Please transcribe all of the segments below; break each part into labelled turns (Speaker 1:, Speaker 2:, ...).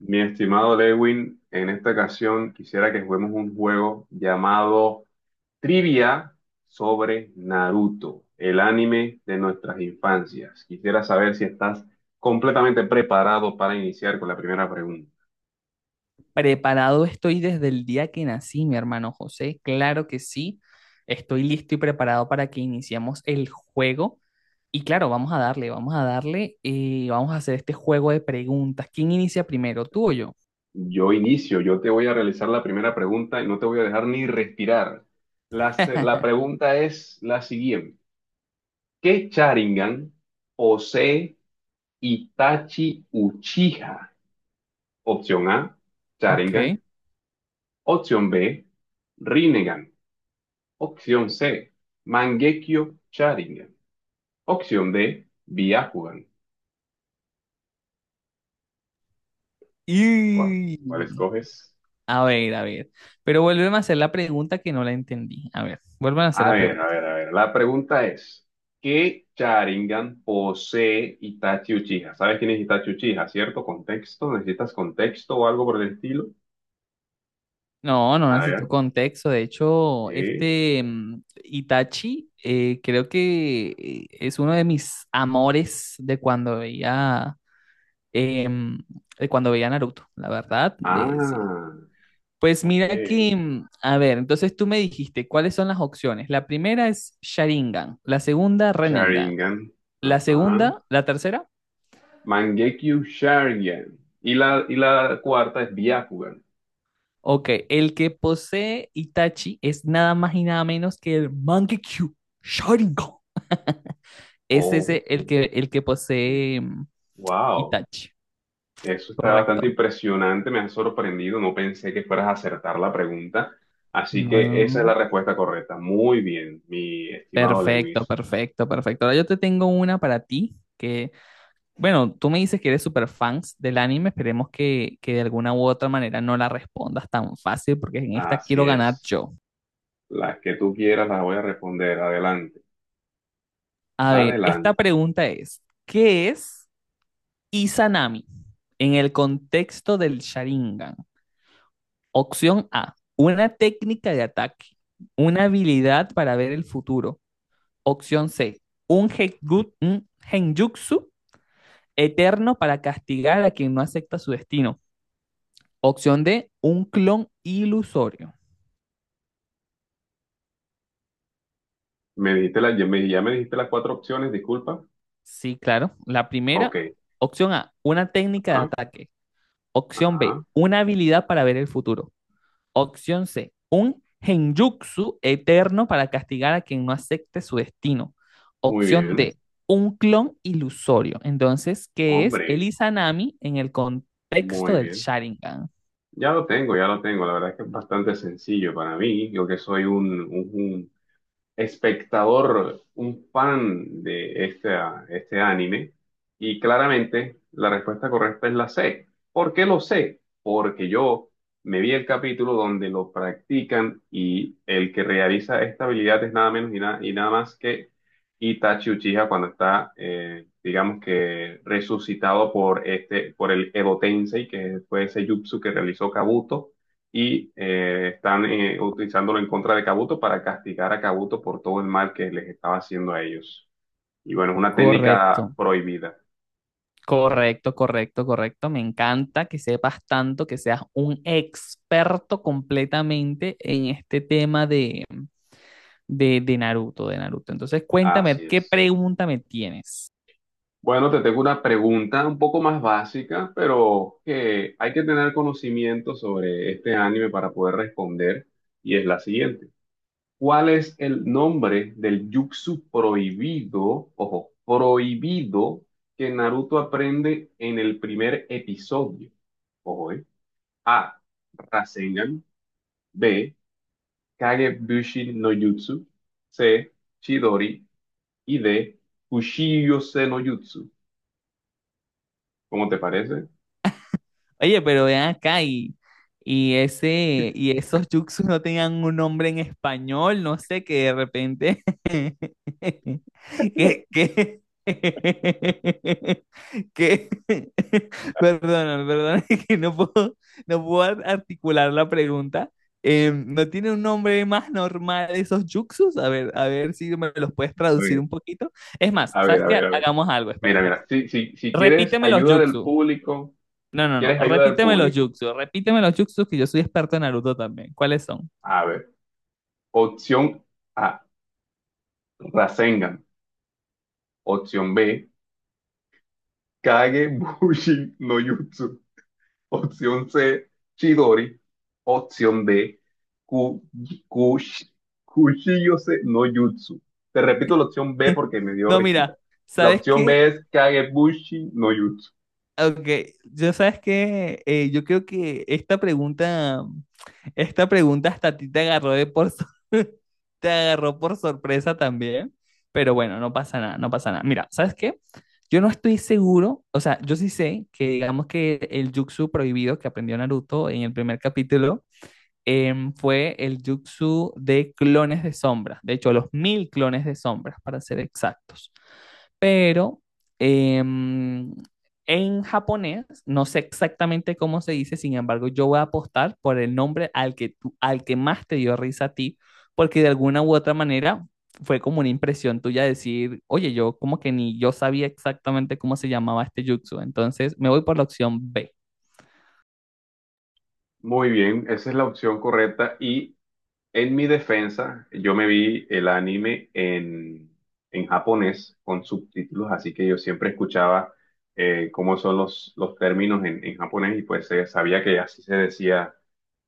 Speaker 1: Mi estimado Lewin, en esta ocasión quisiera que juguemos un juego llamado Trivia sobre Naruto, el anime de nuestras infancias. Quisiera saber si estás completamente preparado para iniciar con la primera pregunta.
Speaker 2: Preparado estoy desde el día que nací, mi hermano José. Claro que sí. Estoy listo y preparado para que iniciemos el juego. Y claro, vamos a darle y vamos a hacer este juego de preguntas. ¿Quién inicia primero, tú o yo?
Speaker 1: Yo inicio, yo te voy a realizar la primera pregunta y no te voy a dejar ni respirar. La pregunta es la siguiente. ¿Qué Sharingan posee Itachi Uchiha? Opción A, Sharingan.
Speaker 2: Ok.
Speaker 1: Opción B, Rinnegan. Opción C, Mangekyo Sharingan. Opción D, Byakugan. ¿Cuál, cuál
Speaker 2: Y...
Speaker 1: escoges?
Speaker 2: A ver, a ver. Pero vuélveme a hacer la pregunta que no la entendí. A ver, vuélveme a hacer
Speaker 1: A
Speaker 2: la
Speaker 1: ver,
Speaker 2: pregunta.
Speaker 1: a ver, a ver. La pregunta es: ¿qué Sharingan posee Itachi Uchiha? ¿Sabes quién es Itachi Uchiha, cierto? ¿Contexto? ¿Necesitas contexto o algo por el estilo?
Speaker 2: No, no
Speaker 1: A
Speaker 2: necesito
Speaker 1: ver.
Speaker 2: contexto. De hecho,
Speaker 1: eh,
Speaker 2: Itachi, creo que es uno de mis amores de cuando veía em, de cuando veía Naruto, la verdad, de sí.
Speaker 1: Ah,
Speaker 2: Pues
Speaker 1: ok.
Speaker 2: mira que, a ver, entonces tú me dijiste cuáles son las opciones. La primera es Sharingan, la segunda Renengan,
Speaker 1: Sharingan.
Speaker 2: la
Speaker 1: Ajá.
Speaker 2: segunda, la tercera.
Speaker 1: Mangekyo Sharingan. Y la cuarta es Byakugan.
Speaker 2: Ok, el que posee Itachi es nada más y nada menos que el Mangekyou Sharingan. Es
Speaker 1: Oh,
Speaker 2: ese el que posee.
Speaker 1: wow.
Speaker 2: Itachi,
Speaker 1: Eso está bastante
Speaker 2: correcto.
Speaker 1: impresionante, me has sorprendido, no pensé que fueras a acertar la pregunta. Así que esa es
Speaker 2: No.
Speaker 1: la respuesta correcta. Muy bien, mi estimado
Speaker 2: Perfecto,
Speaker 1: Lewis.
Speaker 2: perfecto, perfecto. Ahora yo te tengo una para ti que, bueno, tú me dices que eres super fans del anime, esperemos que de alguna u otra manera no la respondas tan fácil porque en esta quiero
Speaker 1: Así
Speaker 2: ganar
Speaker 1: es.
Speaker 2: yo.
Speaker 1: Las que tú quieras las voy a responder. Adelante,
Speaker 2: A ver, esta
Speaker 1: adelante.
Speaker 2: pregunta es, ¿qué es Izanami en el contexto del Sharingan? Opción A, una técnica de ataque, una habilidad para ver el futuro. Opción C, un genjutsu un Henjutsu eterno para castigar a quien no acepta su destino. Opción D, un clon ilusorio.
Speaker 1: Me dijiste ya me dijiste las cuatro opciones, disculpa.
Speaker 2: Sí, claro. La
Speaker 1: Ok,
Speaker 2: primera, opción A, una técnica de
Speaker 1: ajá,
Speaker 2: ataque. Opción B,
Speaker 1: ajá.
Speaker 2: una habilidad para ver el futuro. Opción C, un genjutsu eterno para castigar a quien no acepte su destino.
Speaker 1: Muy
Speaker 2: Opción
Speaker 1: bien,
Speaker 2: D, un clon ilusorio. Entonces, ¿qué es el
Speaker 1: hombre,
Speaker 2: Izanami en el contexto
Speaker 1: muy
Speaker 2: del
Speaker 1: bien.
Speaker 2: Sharingan?
Speaker 1: Ya lo tengo, ya lo tengo. La verdad es que es bastante sencillo para mí. Yo que soy un, espectador, un fan de este anime. Y claramente la respuesta correcta es la C. ¿Por qué lo sé? Porque yo me vi el capítulo donde lo practican y el que realiza esta habilidad es nada menos y nada más que Itachi Uchiha cuando está, digamos que resucitado por el Edo Tensei, que fue ese jutsu que realizó Kabuto y están utilizándolo en contra de Kabuto para castigar a Kabuto por todo el mal que les estaba haciendo a ellos. Y bueno, es una
Speaker 2: Correcto,
Speaker 1: técnica prohibida.
Speaker 2: correcto, correcto, correcto. Me encanta que sepas tanto, que seas un experto completamente en este tema de Naruto, de Naruto. Entonces, cuéntame,
Speaker 1: Así
Speaker 2: ¿qué
Speaker 1: es.
Speaker 2: pregunta me tienes?
Speaker 1: Bueno, te tengo una pregunta un poco más básica, pero que hay que tener conocimiento sobre este anime para poder responder, y es la siguiente. ¿Cuál es el nombre del jutsu prohibido, ojo, prohibido, que Naruto aprende en el primer episodio? Ojo, ¿eh? A, Rasengan. B, Kagebushi no Jutsu. C, Chidori. Y D, Kushiyose no Jutsu. ¿Cómo te parece?
Speaker 2: Oye, pero vean acá y ese y esos yuxus no tenían un nombre en español, no sé, que de repente que que perdona, perdona, que no puedo articular la pregunta. ¿No tiene un nombre más normal esos yuxus? A ver si me los puedes
Speaker 1: A
Speaker 2: traducir
Speaker 1: ver,
Speaker 2: un poquito. Es más,
Speaker 1: a
Speaker 2: ¿sabes
Speaker 1: ver, a
Speaker 2: qué?
Speaker 1: ver, a ver.
Speaker 2: Hagamos algo, espera,
Speaker 1: Mira,
Speaker 2: espera.
Speaker 1: mira, si quieres
Speaker 2: Repíteme los
Speaker 1: ayuda del
Speaker 2: yuxus.
Speaker 1: público,
Speaker 2: No, no, no.
Speaker 1: quieres ayuda del
Speaker 2: Repíteme los
Speaker 1: público.
Speaker 2: jutsu. Repíteme los jutsu que yo soy experto en Naruto también. ¿Cuáles son?
Speaker 1: A ver, opción A, Rasengan. Opción B, Kage Bushi no Jutsu. Opción C, Chidori. Opción D, ku, kush- Kushiyose no Jutsu. Te repito la opción B porque me dio
Speaker 2: No,
Speaker 1: risita.
Speaker 2: mira,
Speaker 1: La
Speaker 2: ¿sabes
Speaker 1: opción
Speaker 2: qué?
Speaker 1: B es Kagebushi no Jutsu.
Speaker 2: Ok, yo sabes que yo creo que esta pregunta hasta a ti te agarró te agarró por sorpresa también, pero bueno, no pasa nada, no pasa nada. Mira, ¿sabes qué? Yo no estoy seguro, o sea, yo sí sé que digamos que el jutsu prohibido que aprendió Naruto en el primer capítulo, fue el jutsu de clones de sombras, de hecho los mil clones de sombras para ser exactos, pero em, en japonés no sé exactamente cómo se dice, sin embargo yo voy a apostar por el nombre al que al que más te dio risa a ti, porque de alguna u otra manera fue como una impresión tuya decir, oye, yo como que ni yo sabía exactamente cómo se llamaba este jutsu, entonces me voy por la opción B.
Speaker 1: Muy bien, esa es la opción correcta. Y en mi defensa, yo me vi el anime en japonés con subtítulos, así que yo siempre escuchaba cómo son los términos en japonés y pues sabía que así se decía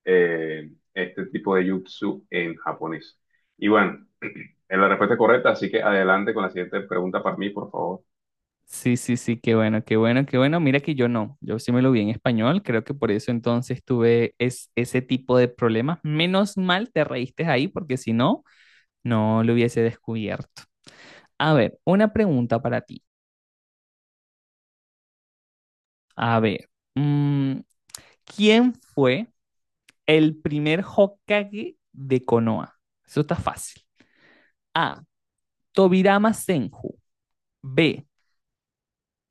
Speaker 1: este tipo de jutsu en japonés. Y bueno, es la respuesta correcta, así que adelante con la siguiente pregunta para mí, por favor.
Speaker 2: Sí, sí, sí, qué bueno, qué bueno, qué bueno. Mira que yo no, yo sí me lo vi en español, creo que por eso entonces tuve ese tipo de problemas. Menos mal te reíste ahí porque si no, no lo hubiese descubierto. A ver, una pregunta para ti. A ver, mm, ¿quién fue el primer Hokage de Konoha? Eso está fácil. A. Tobirama Senju. B.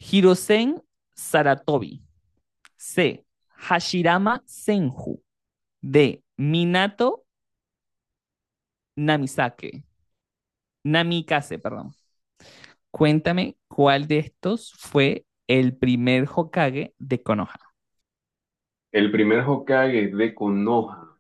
Speaker 2: Hirosen Saratobi. C. Hashirama Senju. De Minato Namisake, Namikaze, perdón. Cuéntame cuál de estos fue el primer Hokage de Konoha.
Speaker 1: El primer Hokage de Konoha,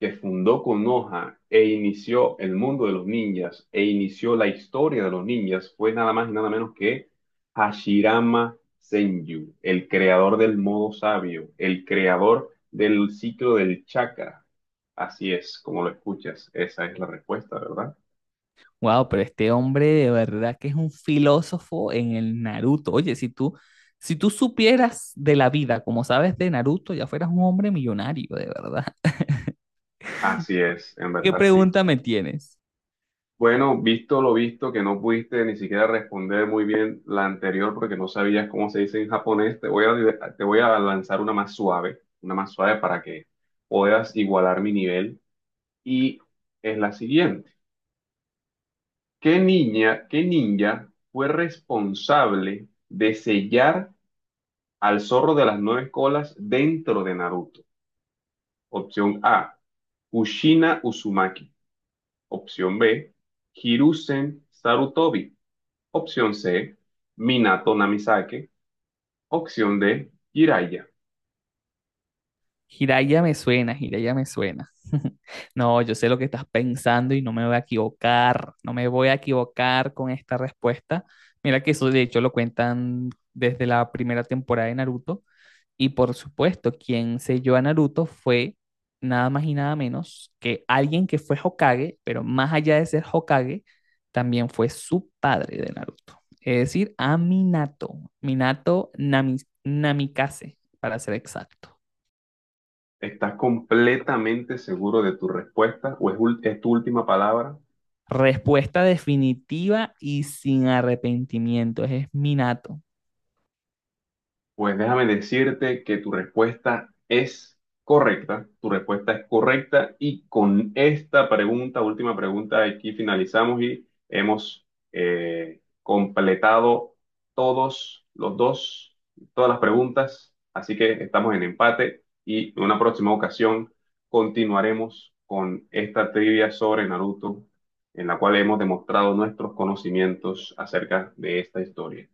Speaker 1: que fundó Konoha e inició el mundo de los ninjas, e inició la historia de los ninjas, fue nada más y nada menos que Hashirama Senju, el creador del modo sabio, el creador del ciclo del chakra. Así es, como lo escuchas, esa es la respuesta, ¿verdad?
Speaker 2: Wow, pero este hombre de verdad que es un filósofo en el Naruto. Oye, si tú, si tú supieras de la vida, como sabes de Naruto, ya fueras un hombre millonario, de verdad.
Speaker 1: Así es, en
Speaker 2: ¿Qué
Speaker 1: verdad sí.
Speaker 2: pregunta me tienes?
Speaker 1: Bueno, visto lo visto, que no pudiste ni siquiera responder muy bien la anterior porque no sabías cómo se dice en japonés, te voy a lanzar una más suave para que puedas igualar mi nivel. Y es la siguiente. ¿Qué ninja fue responsable de sellar al zorro de las nueve colas dentro de Naruto? Opción A, Kushina Uzumaki. Opción B, Hiruzen Sarutobi. Opción C, Minato Namisake. Opción D, Jiraiya.
Speaker 2: Jiraiya me suena, Jiraiya me suena. No, yo sé lo que estás pensando y no me voy a equivocar, no me voy a equivocar con esta respuesta. Mira que eso de hecho lo cuentan desde la primera temporada de Naruto y por supuesto quien selló a Naruto fue nada más y nada menos que alguien que fue Hokage, pero más allá de ser Hokage, también fue su padre de Naruto, es decir, a Minato, Namikaze, para ser exacto.
Speaker 1: ¿Estás completamente seguro de tu respuesta o es tu última palabra?
Speaker 2: Respuesta definitiva y sin arrepentimiento. Ese es mi nato.
Speaker 1: Pues déjame decirte que tu respuesta es correcta, tu respuesta es correcta, y con esta pregunta, última pregunta, aquí finalizamos y hemos completado todos los dos, todas las preguntas, así que estamos en empate y en una próxima ocasión continuaremos con esta trivia sobre Naruto, en la cual hemos demostrado nuestros conocimientos acerca de esta historia.